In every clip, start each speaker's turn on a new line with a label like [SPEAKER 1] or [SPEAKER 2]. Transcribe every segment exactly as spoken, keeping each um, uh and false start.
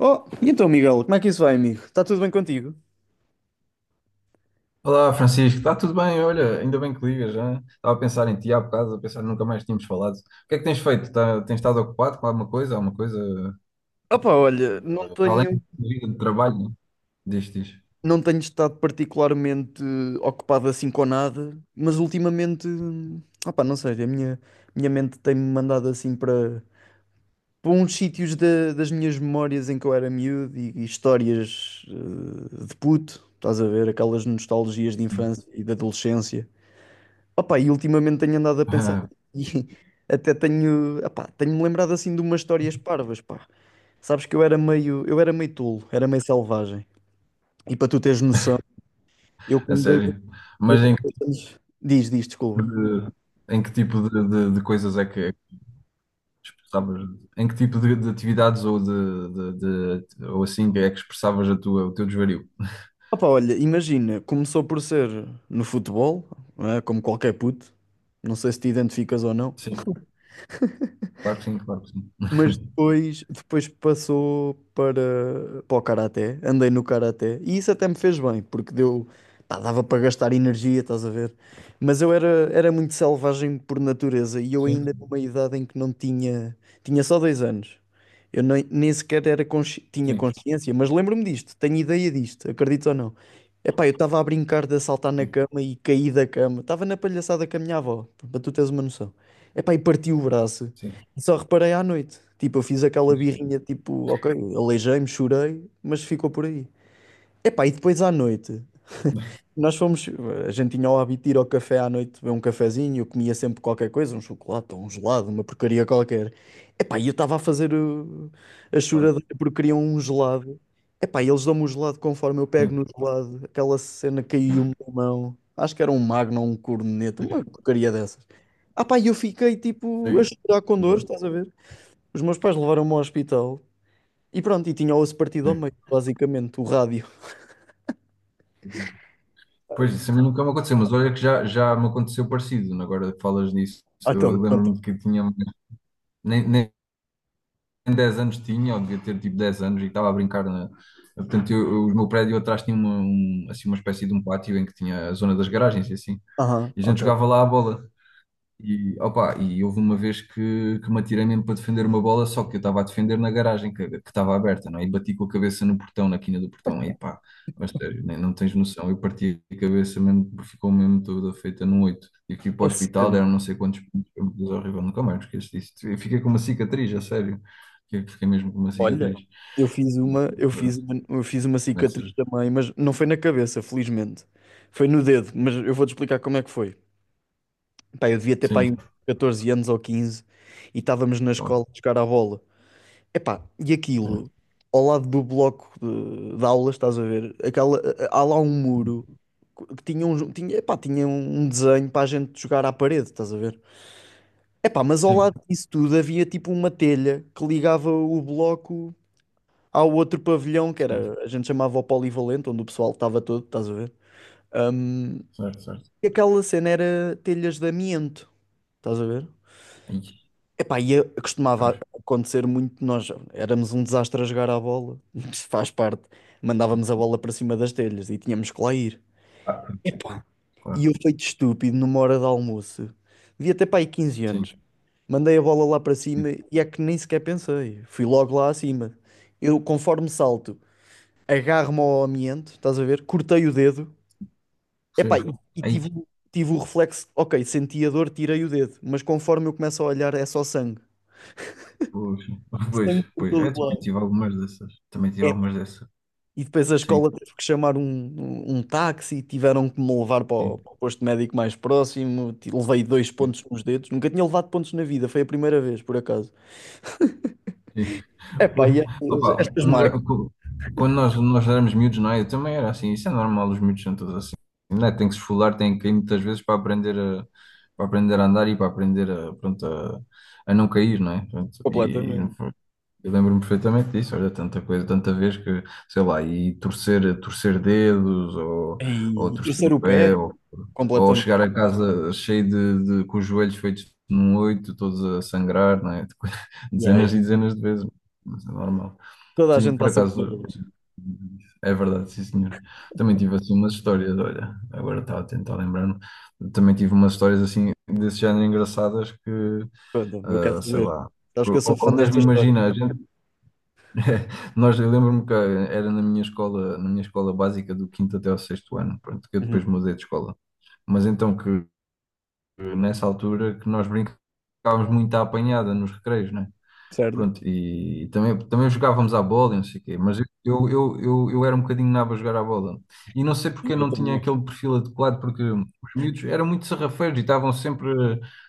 [SPEAKER 1] Oh, e então, Miguel, como é que isso vai, amigo? Está tudo bem contigo?
[SPEAKER 2] Olá, Francisco, está tudo bem? Olha, ainda bem que ligas, já. Estava a pensar em ti há bocado, a pensar nunca mais tínhamos falado. O que é que tens feito? Tá- tens estado ocupado com alguma coisa? Alguma coisa
[SPEAKER 1] Opa, olha,
[SPEAKER 2] eh,
[SPEAKER 1] não
[SPEAKER 2] para além da
[SPEAKER 1] tenho,
[SPEAKER 2] tua vida de trabalho? Diz, diz.
[SPEAKER 1] não tenho estado particularmente eh, ocupado assim com nada, mas ultimamente, opa, não sei, a minha, minha mente tem-me mandado assim para, para uns sítios da- das minhas memórias em que eu era miúdo e, e histórias eh, de puto, estás a ver, aquelas nostalgias de
[SPEAKER 2] Sim.
[SPEAKER 1] infância e de adolescência. Opa, e ultimamente tenho andado a pensar e até tenho, epá, tenho-me lembrado assim de umas histórias parvas, pá. Sabes que eu era meio, eu era meio tolo, era meio selvagem. E para tu teres noção, eu
[SPEAKER 2] A
[SPEAKER 1] com dois,
[SPEAKER 2] sério.
[SPEAKER 1] eu
[SPEAKER 2] Mas
[SPEAKER 1] com
[SPEAKER 2] em que
[SPEAKER 1] dois
[SPEAKER 2] tipo
[SPEAKER 1] anos... Diz, diz, desculpa.
[SPEAKER 2] de, em que tipo de, de- de coisas é que é que expressavas? Em que tipo de, de atividades ou de, de- de- ou assim é que expressavas a tua, o teu desvario?
[SPEAKER 1] Opa, olha, imagina, começou por ser no futebol, não é? Como qualquer puto, não sei se te identificas ou não.
[SPEAKER 2] Sim. Claro que sim, claro que sim.
[SPEAKER 1] Mas depois, depois passou para, para o karaté, andei no karaté e isso até me fez bem, porque deu, pá, dava para gastar energia, estás a ver? Mas eu era, era muito selvagem por natureza e eu
[SPEAKER 2] Sim,
[SPEAKER 1] ainda numa idade em que não tinha, tinha só dois anos. Eu nem, nem sequer era consci- tinha
[SPEAKER 2] sim,
[SPEAKER 1] consciência, mas lembro-me disto, tenho ideia disto, acredito ou não. Epá, eu estava a brincar de saltar na
[SPEAKER 2] sim,
[SPEAKER 1] cama e caí da cama, estava na palhaçada com a minha avó, para tu teres uma noção. Epá, e parti o braço.
[SPEAKER 2] sim,
[SPEAKER 1] Só reparei à noite. Tipo, eu fiz aquela birrinha, tipo, ok, aleijei-me, chorei, mas ficou por aí. Epá, e depois à noite, nós fomos, a gente tinha o hábito de ir ao café à noite, beber um cafezinho, eu comia sempre qualquer coisa, um chocolate, ou um gelado, uma porcaria qualquer. Epá, e eu estava a fazer o- a
[SPEAKER 2] claro.
[SPEAKER 1] choradeira porque queriam um gelado. Epá, e eles dão-me o gelado conforme eu
[SPEAKER 2] Sim,
[SPEAKER 1] pego no gelado, aquela cena caiu-me na mão. Acho que era um Magno ou um corneto, uma porcaria dessas. Ah pá, e eu fiquei tipo a
[SPEAKER 2] sim.
[SPEAKER 1] chorar com dores,
[SPEAKER 2] Pois,
[SPEAKER 1] estás a ver? Os meus pais levaram-me ao hospital e pronto, e tinha o osso partido ao
[SPEAKER 2] sim.
[SPEAKER 1] meio, basicamente, o rádio.
[SPEAKER 2] Pois, isso a mim nunca me aconteceu, mas olha que já, já me aconteceu parecido, né? Agora que falas disso,
[SPEAKER 1] Ah, então,
[SPEAKER 2] eu
[SPEAKER 1] pronto.
[SPEAKER 2] lembro-me que tinha, nem, nem dez anos tinha, ou devia ter tipo dez anos, e estava a brincar na. Portanto, eu, eu- o meu prédio atrás tinha uma, um- assim, uma espécie de um pátio em que tinha a zona das garagens e assim.
[SPEAKER 1] Aham,
[SPEAKER 2] E a gente
[SPEAKER 1] ok.
[SPEAKER 2] jogava lá a bola. E, opa, e houve uma vez que, que me atirei mesmo para defender uma bola, só que eu estava a defender na garagem que que estava aberta, não é? E bati com a cabeça no portão, na quina do portão, aí pá, mas sério, nem, não tens noção. Eu parti a cabeça mesmo, ficou mesmo toda feita num oito, e que para o
[SPEAKER 1] A
[SPEAKER 2] hospital,
[SPEAKER 1] sério.
[SPEAKER 2] deram não sei quantos pontos, foi uma coisa horrível, nunca mais me esqueço disso. Eu fiquei com uma cicatriz, a sério. Fiquei fiquei mesmo com uma
[SPEAKER 1] Olha,
[SPEAKER 2] cicatriz.
[SPEAKER 1] eu fiz uma, eu fiz
[SPEAKER 2] Pronto,
[SPEAKER 1] uma, eu fiz uma cicatriz
[SPEAKER 2] nessas-
[SPEAKER 1] também, mas não foi na cabeça, felizmente. Foi no dedo, mas eu vou-te explicar como é que foi. Pá, eu devia ter pá,
[SPEAKER 2] Sim,
[SPEAKER 1] aí uns catorze anos ou quinze e estávamos na
[SPEAKER 2] claro,
[SPEAKER 1] escola a jogar à bola. Epá, e
[SPEAKER 2] sim,
[SPEAKER 1] aquilo, ao lado do bloco de, de aulas, estás a ver? Aquela, há lá um muro que tinha um, tinha, epá, tinha um um desenho para a gente jogar à parede, estás a ver? Epá, mas ao
[SPEAKER 2] sim,
[SPEAKER 1] lado disso tudo havia tipo uma telha que ligava o bloco ao outro pavilhão, que
[SPEAKER 2] sim,
[SPEAKER 1] era, a gente chamava o polivalente, onde o pessoal estava todo, estás a ver? Hum,
[SPEAKER 2] certo, certo.
[SPEAKER 1] e aquela cena era telhas de amianto, estás a ver?
[SPEAKER 2] Aí,
[SPEAKER 1] Epá, e eu-
[SPEAKER 2] pois,
[SPEAKER 1] costumava acontecer muito, nós éramos um desastre a jogar à bola, isso faz parte. Mandávamos a bola para cima das telhas e tínhamos que lá ir.
[SPEAKER 2] ah,
[SPEAKER 1] Epá, e
[SPEAKER 2] claro,
[SPEAKER 1] eu feito estúpido numa hora de almoço, devia ter para aí quinze
[SPEAKER 2] sim.
[SPEAKER 1] anos. Mandei a bola lá para cima e é que nem sequer pensei. Fui logo lá acima. Eu, conforme salto, agarro-me ao amianto, estás a ver? Cortei o dedo. Epá, e,
[SPEAKER 2] Sim.
[SPEAKER 1] e
[SPEAKER 2] Aí,
[SPEAKER 1] tive, o- tive o reflexo, ok, senti a dor, tirei o dedo. Mas conforme eu começo a olhar, é só sangue.
[SPEAKER 2] pois, pois,
[SPEAKER 1] Sangue por
[SPEAKER 2] pois.
[SPEAKER 1] todo
[SPEAKER 2] Eu também
[SPEAKER 1] lado.
[SPEAKER 2] tive algumas dessas. Também tive
[SPEAKER 1] É.
[SPEAKER 2] algumas dessas.
[SPEAKER 1] E depois a
[SPEAKER 2] Sim,
[SPEAKER 1] escola teve que chamar um, um, um táxi, tiveram que me levar para o,
[SPEAKER 2] sim,
[SPEAKER 1] para o posto médico mais próximo. ti- Levei dois pontos nos dedos, nunca tinha levado pontos na vida, foi a primeira vez, por acaso.
[SPEAKER 2] sim.
[SPEAKER 1] Epá,
[SPEAKER 2] Pois,
[SPEAKER 1] e estas,
[SPEAKER 2] opa,
[SPEAKER 1] estas
[SPEAKER 2] um lugar-
[SPEAKER 1] marcas,
[SPEAKER 2] cu- quando nós, nós éramos miúdos, não é? Eu também era assim. Isso é normal, os miúdos são todos assim. Não é? Tem que se esfolar, tem que ir muitas vezes para aprender a, para aprender a andar e para aprender a, pronto, a, a não cair, não é? Pronto, e
[SPEAKER 1] completamente.
[SPEAKER 2] eu lembro-me perfeitamente disso, olha, tanta coisa, tanta vez que, sei lá, e torcer, torcer dedos, ou, ou
[SPEAKER 1] E
[SPEAKER 2] torcer
[SPEAKER 1] torcer
[SPEAKER 2] o
[SPEAKER 1] o
[SPEAKER 2] pé,
[SPEAKER 1] pé,
[SPEAKER 2] ou, ou
[SPEAKER 1] completamente.
[SPEAKER 2] chegar a casa cheio de, de- com os joelhos feitos num oito, todos a sangrar, não é?
[SPEAKER 1] Yeah, yeah.
[SPEAKER 2] Dezenas e dezenas de vezes, mas é normal.
[SPEAKER 1] Toda a
[SPEAKER 2] Sim,
[SPEAKER 1] gente
[SPEAKER 2] por
[SPEAKER 1] passa por
[SPEAKER 2] acaso,
[SPEAKER 1] elas.
[SPEAKER 2] é verdade, sim senhor. Também tive assim umas histórias, olha, agora estava a tentar lembrar-me, também tive umas histórias assim, desse género engraçadas que,
[SPEAKER 1] Pronto, eu quero
[SPEAKER 2] ah, sei
[SPEAKER 1] saber.
[SPEAKER 2] lá,
[SPEAKER 1] Sabes que eu sou
[SPEAKER 2] ou,
[SPEAKER 1] fã
[SPEAKER 2] ou mesmo
[SPEAKER 1] desta história.
[SPEAKER 2] imagina, a gente Nós, eu lembro-me que era na minha escola, na minha escola básica do quinto até ao sexto ano, pronto, que eu
[SPEAKER 1] Uhum.
[SPEAKER 2] depois mudei de escola. Mas então que nessa altura que nós brincávamos muito à apanhada nos recreios, né?
[SPEAKER 1] Certo?
[SPEAKER 2] Pronto, e também, também jogávamos à bola e não sei o quê, mas eu, eu, eu, eu eu era um bocadinho nabo a jogar à bola. E não sei porque eu
[SPEAKER 1] Eu
[SPEAKER 2] não tinha
[SPEAKER 1] também.
[SPEAKER 2] aquele perfil adequado, porque os miúdos eram muito sarrafeiros e estavam sempre,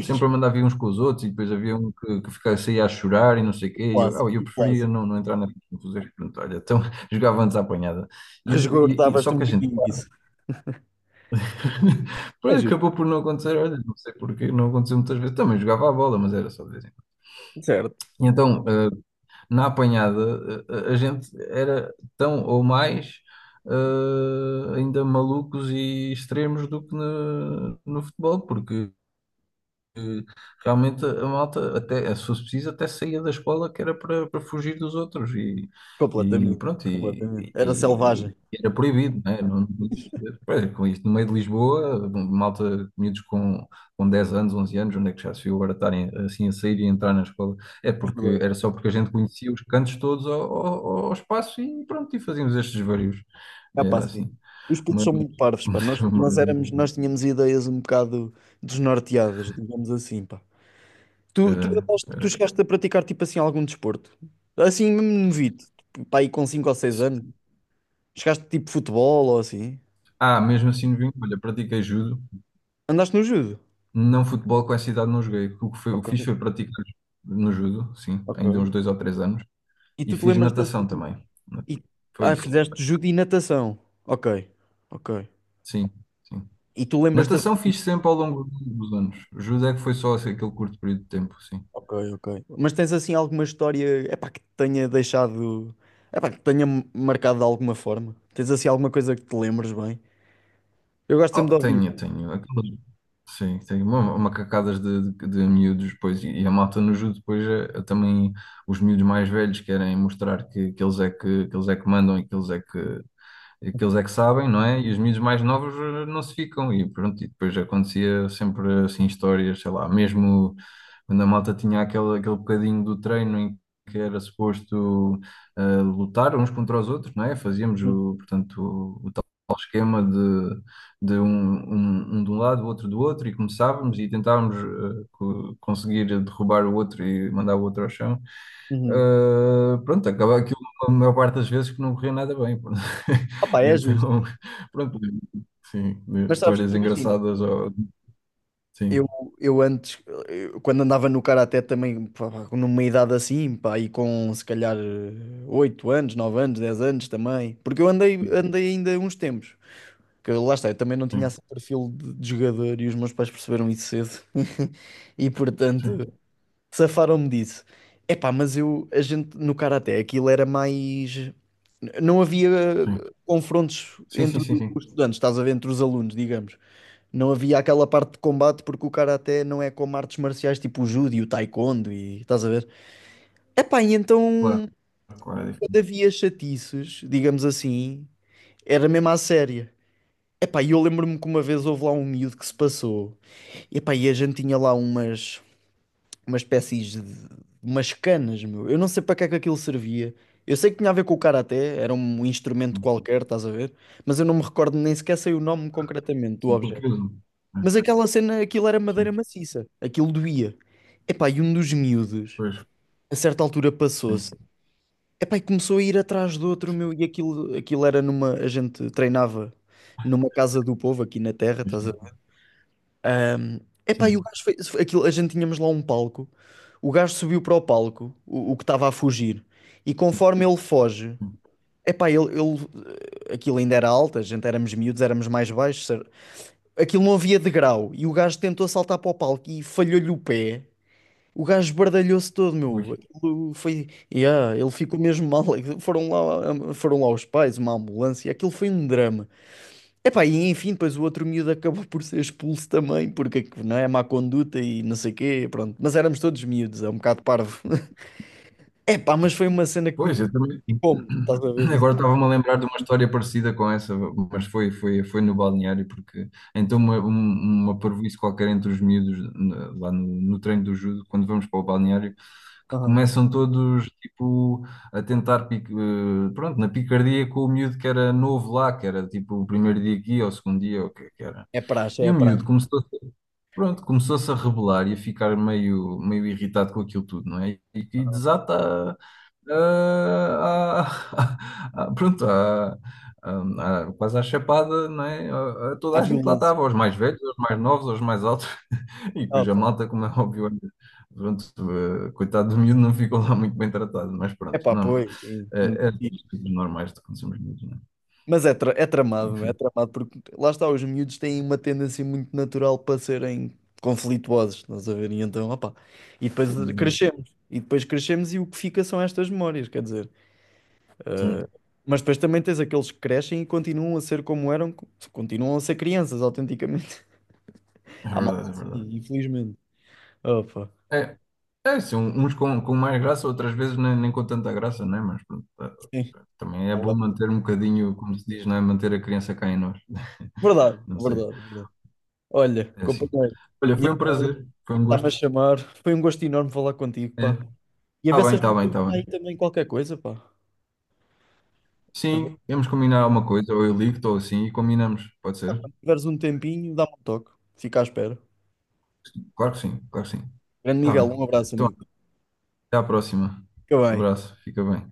[SPEAKER 2] sempre a mandar vir uns com os outros, e depois havia um que, que ficava, saía a chorar e não sei o quê, e eu, ah, eu
[SPEAKER 1] Clássico,
[SPEAKER 2] preferia
[SPEAKER 1] clássico.
[SPEAKER 2] não, não entrar na confusão. Pronto, olha, então jogávamos à apanhada. E, e- e- só
[SPEAKER 1] Resgordavas-te um
[SPEAKER 2] que a gente,
[SPEAKER 1] bocadinho disso.
[SPEAKER 2] pois
[SPEAKER 1] É justo,
[SPEAKER 2] acabou por não acontecer, olha, não sei porquê não aconteceu muitas vezes. Também jogava à bola, mas era só de vez em quando.
[SPEAKER 1] certo.
[SPEAKER 2] E então, eh, na apanhada, a, a gente era tão ou mais eh, ainda malucos e extremos do que no, no futebol, porque que realmente a malta, até, se fosse preciso, até saía da escola que era para, para, fugir dos outros e, e
[SPEAKER 1] Completamente,
[SPEAKER 2] pronto,
[SPEAKER 1] completamente.
[SPEAKER 2] e,
[SPEAKER 1] Era
[SPEAKER 2] e-
[SPEAKER 1] selvagem.
[SPEAKER 2] e era proibido, né? Não, não podias fazer. Pois, com isto, no meio de Lisboa, malta, miúdos com, com dez anos, onze anos, onde é que já se viu agora estarem assim a sair e entrar na escola? É
[SPEAKER 1] É
[SPEAKER 2] porque
[SPEAKER 1] verdade.
[SPEAKER 2] era só porque a gente conhecia os cantos todos ao, ao, ao espaço e pronto, e fazíamos estes vários.
[SPEAKER 1] É pá,
[SPEAKER 2] Era
[SPEAKER 1] sim.
[SPEAKER 2] assim.
[SPEAKER 1] Os putos
[SPEAKER 2] Mas,
[SPEAKER 1] são muito parvos, pá.
[SPEAKER 2] mas,
[SPEAKER 1] Nós, nós
[SPEAKER 2] mas,
[SPEAKER 1] éramos, nós tínhamos ideias um bocado desnorteadas, digamos assim, pá.
[SPEAKER 2] é,
[SPEAKER 1] Tu, tu, andaste- tu
[SPEAKER 2] é.
[SPEAKER 1] chegaste a praticar, tipo assim, algum desporto? Assim, mesmo novito, tipo, pá, aí com cinco ou seis anos.
[SPEAKER 2] É,
[SPEAKER 1] Chegaste, tipo, futebol ou assim?
[SPEAKER 2] ah, mesmo assim no vinho, olha, pratiquei judo,
[SPEAKER 1] Andaste no judo?
[SPEAKER 2] não futebol com essa idade não joguei. O que, foi, o que
[SPEAKER 1] Ok,
[SPEAKER 2] fiz foi praticar no judo, sim, ainda uns
[SPEAKER 1] ok.
[SPEAKER 2] dois ou três anos,
[SPEAKER 1] E
[SPEAKER 2] e
[SPEAKER 1] tu te
[SPEAKER 2] fiz
[SPEAKER 1] lembras-te
[SPEAKER 2] natação
[SPEAKER 1] assim,
[SPEAKER 2] também.
[SPEAKER 1] e,
[SPEAKER 2] Foi
[SPEAKER 1] ah,
[SPEAKER 2] isso,
[SPEAKER 1] fizeste judo e natação. Ok, ok.
[SPEAKER 2] sim, sim.
[SPEAKER 1] E tu lembras-te
[SPEAKER 2] Natação fiz sempre ao longo dos anos. Judo é que foi só assim, aquele curto período de tempo, sim.
[SPEAKER 1] ok, ok. Mas tens assim alguma história, epá, que te tenha deixado, epá, que te tenha marcado de alguma forma? Tens assim alguma coisa que te lembres bem? Eu gosto
[SPEAKER 2] Oh,
[SPEAKER 1] sempre de
[SPEAKER 2] tenho,
[SPEAKER 1] ouvir.
[SPEAKER 2] tenho. aquelas- Sim, tenho uma- macacadas de, de, de miúdos depois e, e, a malta no judo depois é, é também os miúdos mais velhos querem mostrar que, que eles é que, que eles é que mandam e que eles é que que eles é que sabem, não é? E os miúdos mais novos eh, não se ficam. E pronto, e depois acontecia sempre assim histórias, sei lá, mesmo quando a malta tinha aquele, aquele bocadinho do treino em que era suposto eh, lutar uns contra os outros, não é? Fazíamos
[SPEAKER 1] Uhum,
[SPEAKER 2] o, portanto, o, o tal esquema de, de um, um, um de um lado, o outro do outro, e começávamos e tentávamos eh, co- conseguir derrubar o outro e mandar o outro ao chão.
[SPEAKER 1] uhum.
[SPEAKER 2] Eh, pronto, acaba aquilo a maior parte das vezes que não corria nada bem, pronto.
[SPEAKER 1] Opa,
[SPEAKER 2] E
[SPEAKER 1] é justo.
[SPEAKER 2] então, pronto, sim,
[SPEAKER 1] Mas sabes
[SPEAKER 2] histórias
[SPEAKER 1] que imagina.
[SPEAKER 2] engraçadas, ou-
[SPEAKER 1] Eu,
[SPEAKER 2] sim,
[SPEAKER 1] eu antes, eu- Quando andava no karaté também, pá, pá, numa idade assim, pá, e com se calhar eh, oito anos, nove anos, dez anos também, porque eu andei,
[SPEAKER 2] sim,
[SPEAKER 1] andei ainda uns tempos, que lá está, eu também não tinha
[SPEAKER 2] sim,
[SPEAKER 1] esse perfil de, de jogador e os meus pais perceberam isso cedo, e portanto,
[SPEAKER 2] sim,
[SPEAKER 1] safaram-me disso. Epá, mas eu, a gente no karaté, aquilo era mais. Não havia confrontos
[SPEAKER 2] sim, sim,
[SPEAKER 1] entre
[SPEAKER 2] sim, sim,
[SPEAKER 1] os estudantes, estás a ver, entre os alunos, digamos. Não havia aquela parte de combate porque o karaté não é como artes marciais tipo o judo e o taekwondo e estás a ver? Epá, e
[SPEAKER 2] claro,
[SPEAKER 1] então
[SPEAKER 2] claro, é
[SPEAKER 1] quando
[SPEAKER 2] difícil,
[SPEAKER 1] havia chatiços, digamos assim, era mesmo à séria. Epá, e eu lembro-me que uma vez houve lá um miúdo que se passou. Epá, e a gente tinha lá umas uma espécie de umas canas, meu. Eu não sei para que é que aquilo servia. Eu sei que tinha a ver com o karaté, era um instrumento qualquer, estás a ver? Mas eu não me recordo nem sequer sei o nome concretamente do
[SPEAKER 2] sim, porque
[SPEAKER 1] objeto.
[SPEAKER 2] eu,
[SPEAKER 1] Mas aquela cena, aquilo era madeira
[SPEAKER 2] sim,
[SPEAKER 1] maciça, aquilo doía. Epá, e um dos miúdos,
[SPEAKER 2] pois,
[SPEAKER 1] a certa altura passou-se.
[SPEAKER 2] sim,
[SPEAKER 1] Epá, e começou a ir atrás do outro, meu, e aquilo, aquilo era numa, a gente treinava numa casa do povo aqui na terra, estás a...
[SPEAKER 2] sim,
[SPEAKER 1] Epá, e o
[SPEAKER 2] sim,
[SPEAKER 1] gajo fez aquilo, a gente tínhamos lá um palco. O gajo subiu para o palco, o, o que estava a fugir, e conforme ele foge,
[SPEAKER 2] sim.
[SPEAKER 1] epá, ele, ele, eh, aquilo ainda era alto, a gente éramos miúdos, éramos mais baixos, cer- aquilo não havia degrau, e o gajo tentou saltar para o palco e falhou-lhe o pé. O gajo esbardalhou-se todo, meu.
[SPEAKER 2] Ui.
[SPEAKER 1] Aquilo foi. Yeah, ele ficou mesmo mal. Foram lá, foram lá os pais, uma ambulância. Aquilo foi um drama. Epá, e enfim, depois o outro miúdo acabou por ser expulso também, porque não é má conduta e não sei quê, pronto. Mas éramos todos miúdos, é um bocado parvo. Epá, mas foi uma cena que
[SPEAKER 2] Pois,
[SPEAKER 1] me
[SPEAKER 2] eu também.
[SPEAKER 1] picou-me, estás a ver isso?
[SPEAKER 2] Agora estava-me a lembrar de uma história parecida com essa, mas foi, foi, foi no balneário, porque então uma, um- uma parvoíce qualquer entre os miúdos na- lá no, no treino do judo, quando vamos para o balneário, que
[SPEAKER 1] Aham.
[SPEAKER 2] começam todos tipo a tentar, pic- eh, pronto, na picardia com o miúdo que era novo lá, que era tipo o primeiro dia aqui ou o segundo dia, ou o que é que era.
[SPEAKER 1] É praxe,
[SPEAKER 2] E
[SPEAKER 1] é
[SPEAKER 2] o miúdo
[SPEAKER 1] praxe.
[SPEAKER 2] começou pronto, começou-se a rebelar e a ficar meio, meio irritado com aquilo tudo, não é? E, e
[SPEAKER 1] Aham.
[SPEAKER 2] desata ah, a- a- pronto, a- a- a- quase à chapada, não é? A- a
[SPEAKER 1] Há
[SPEAKER 2] toda a gente lá
[SPEAKER 1] violência.
[SPEAKER 2] estava, aos mais velhos, aos mais novos, aos mais altos, e
[SPEAKER 1] Ah,
[SPEAKER 2] depois a
[SPEAKER 1] pá.
[SPEAKER 2] malta, como é óbvio, olha, pronto, eh, coitado do miúdo, não ficou lá muito bem tratado, mas pronto,
[SPEAKER 1] Epá,
[SPEAKER 2] não,
[SPEAKER 1] pois, sim, nunca
[SPEAKER 2] é, é das coisas normais que acontecemos miúdos, não é?
[SPEAKER 1] mas é, tra- é tramado, é
[SPEAKER 2] Enfim,
[SPEAKER 1] tramado, porque lá está, os miúdos têm uma tendência muito natural para serem conflituosos, estás a ver? E então, opá, e depois crescemos, e depois crescemos e o que fica são estas memórias, quer dizer.
[SPEAKER 2] sim,
[SPEAKER 1] Mas depois também tens aqueles que crescem e continuam a ser como eram, continuam a ser crianças, autenticamente.
[SPEAKER 2] é
[SPEAKER 1] Há malta
[SPEAKER 2] verdade, é
[SPEAKER 1] assim,
[SPEAKER 2] verdade.
[SPEAKER 1] infelizmente. Opa,
[SPEAKER 2] É, é, sim, uns com, com, mais graça, outras vezes nem, nem com tanta graça, né? Mas pronto, tá-
[SPEAKER 1] sim,
[SPEAKER 2] também é
[SPEAKER 1] é
[SPEAKER 2] bom manter um bocadinho, como se diz, não é? Manter a criança cá em nós.
[SPEAKER 1] verdade,
[SPEAKER 2] Não sei,
[SPEAKER 1] verdade, é verdade. É verdade. Olha,
[SPEAKER 2] é assim.
[SPEAKER 1] companheiro,
[SPEAKER 2] Olha,
[SPEAKER 1] minha
[SPEAKER 2] foi um
[SPEAKER 1] namorada
[SPEAKER 2] prazer, foi um
[SPEAKER 1] está-me a
[SPEAKER 2] gosto.
[SPEAKER 1] chamar, foi um gosto enorme falar contigo,
[SPEAKER 2] É.
[SPEAKER 1] pá. E a
[SPEAKER 2] Tá
[SPEAKER 1] ver se a
[SPEAKER 2] bem, tá
[SPEAKER 1] gente
[SPEAKER 2] bem,
[SPEAKER 1] tem
[SPEAKER 2] tá
[SPEAKER 1] aí
[SPEAKER 2] bem.
[SPEAKER 1] também qualquer coisa, pá. Se
[SPEAKER 2] Sim, vamos combinar alguma coisa, ou eu ligo, ou assim, e combinamos, pode ser?
[SPEAKER 1] tiveres um tempinho, dá-me um toque. Fica à espera.
[SPEAKER 2] Claro que sim, claro que sim.
[SPEAKER 1] Grande
[SPEAKER 2] Tá
[SPEAKER 1] Miguel,
[SPEAKER 2] bem.
[SPEAKER 1] um abraço,
[SPEAKER 2] Então,
[SPEAKER 1] amigo.
[SPEAKER 2] até à próxima.
[SPEAKER 1] Fica bem.
[SPEAKER 2] Abraço, fica bem.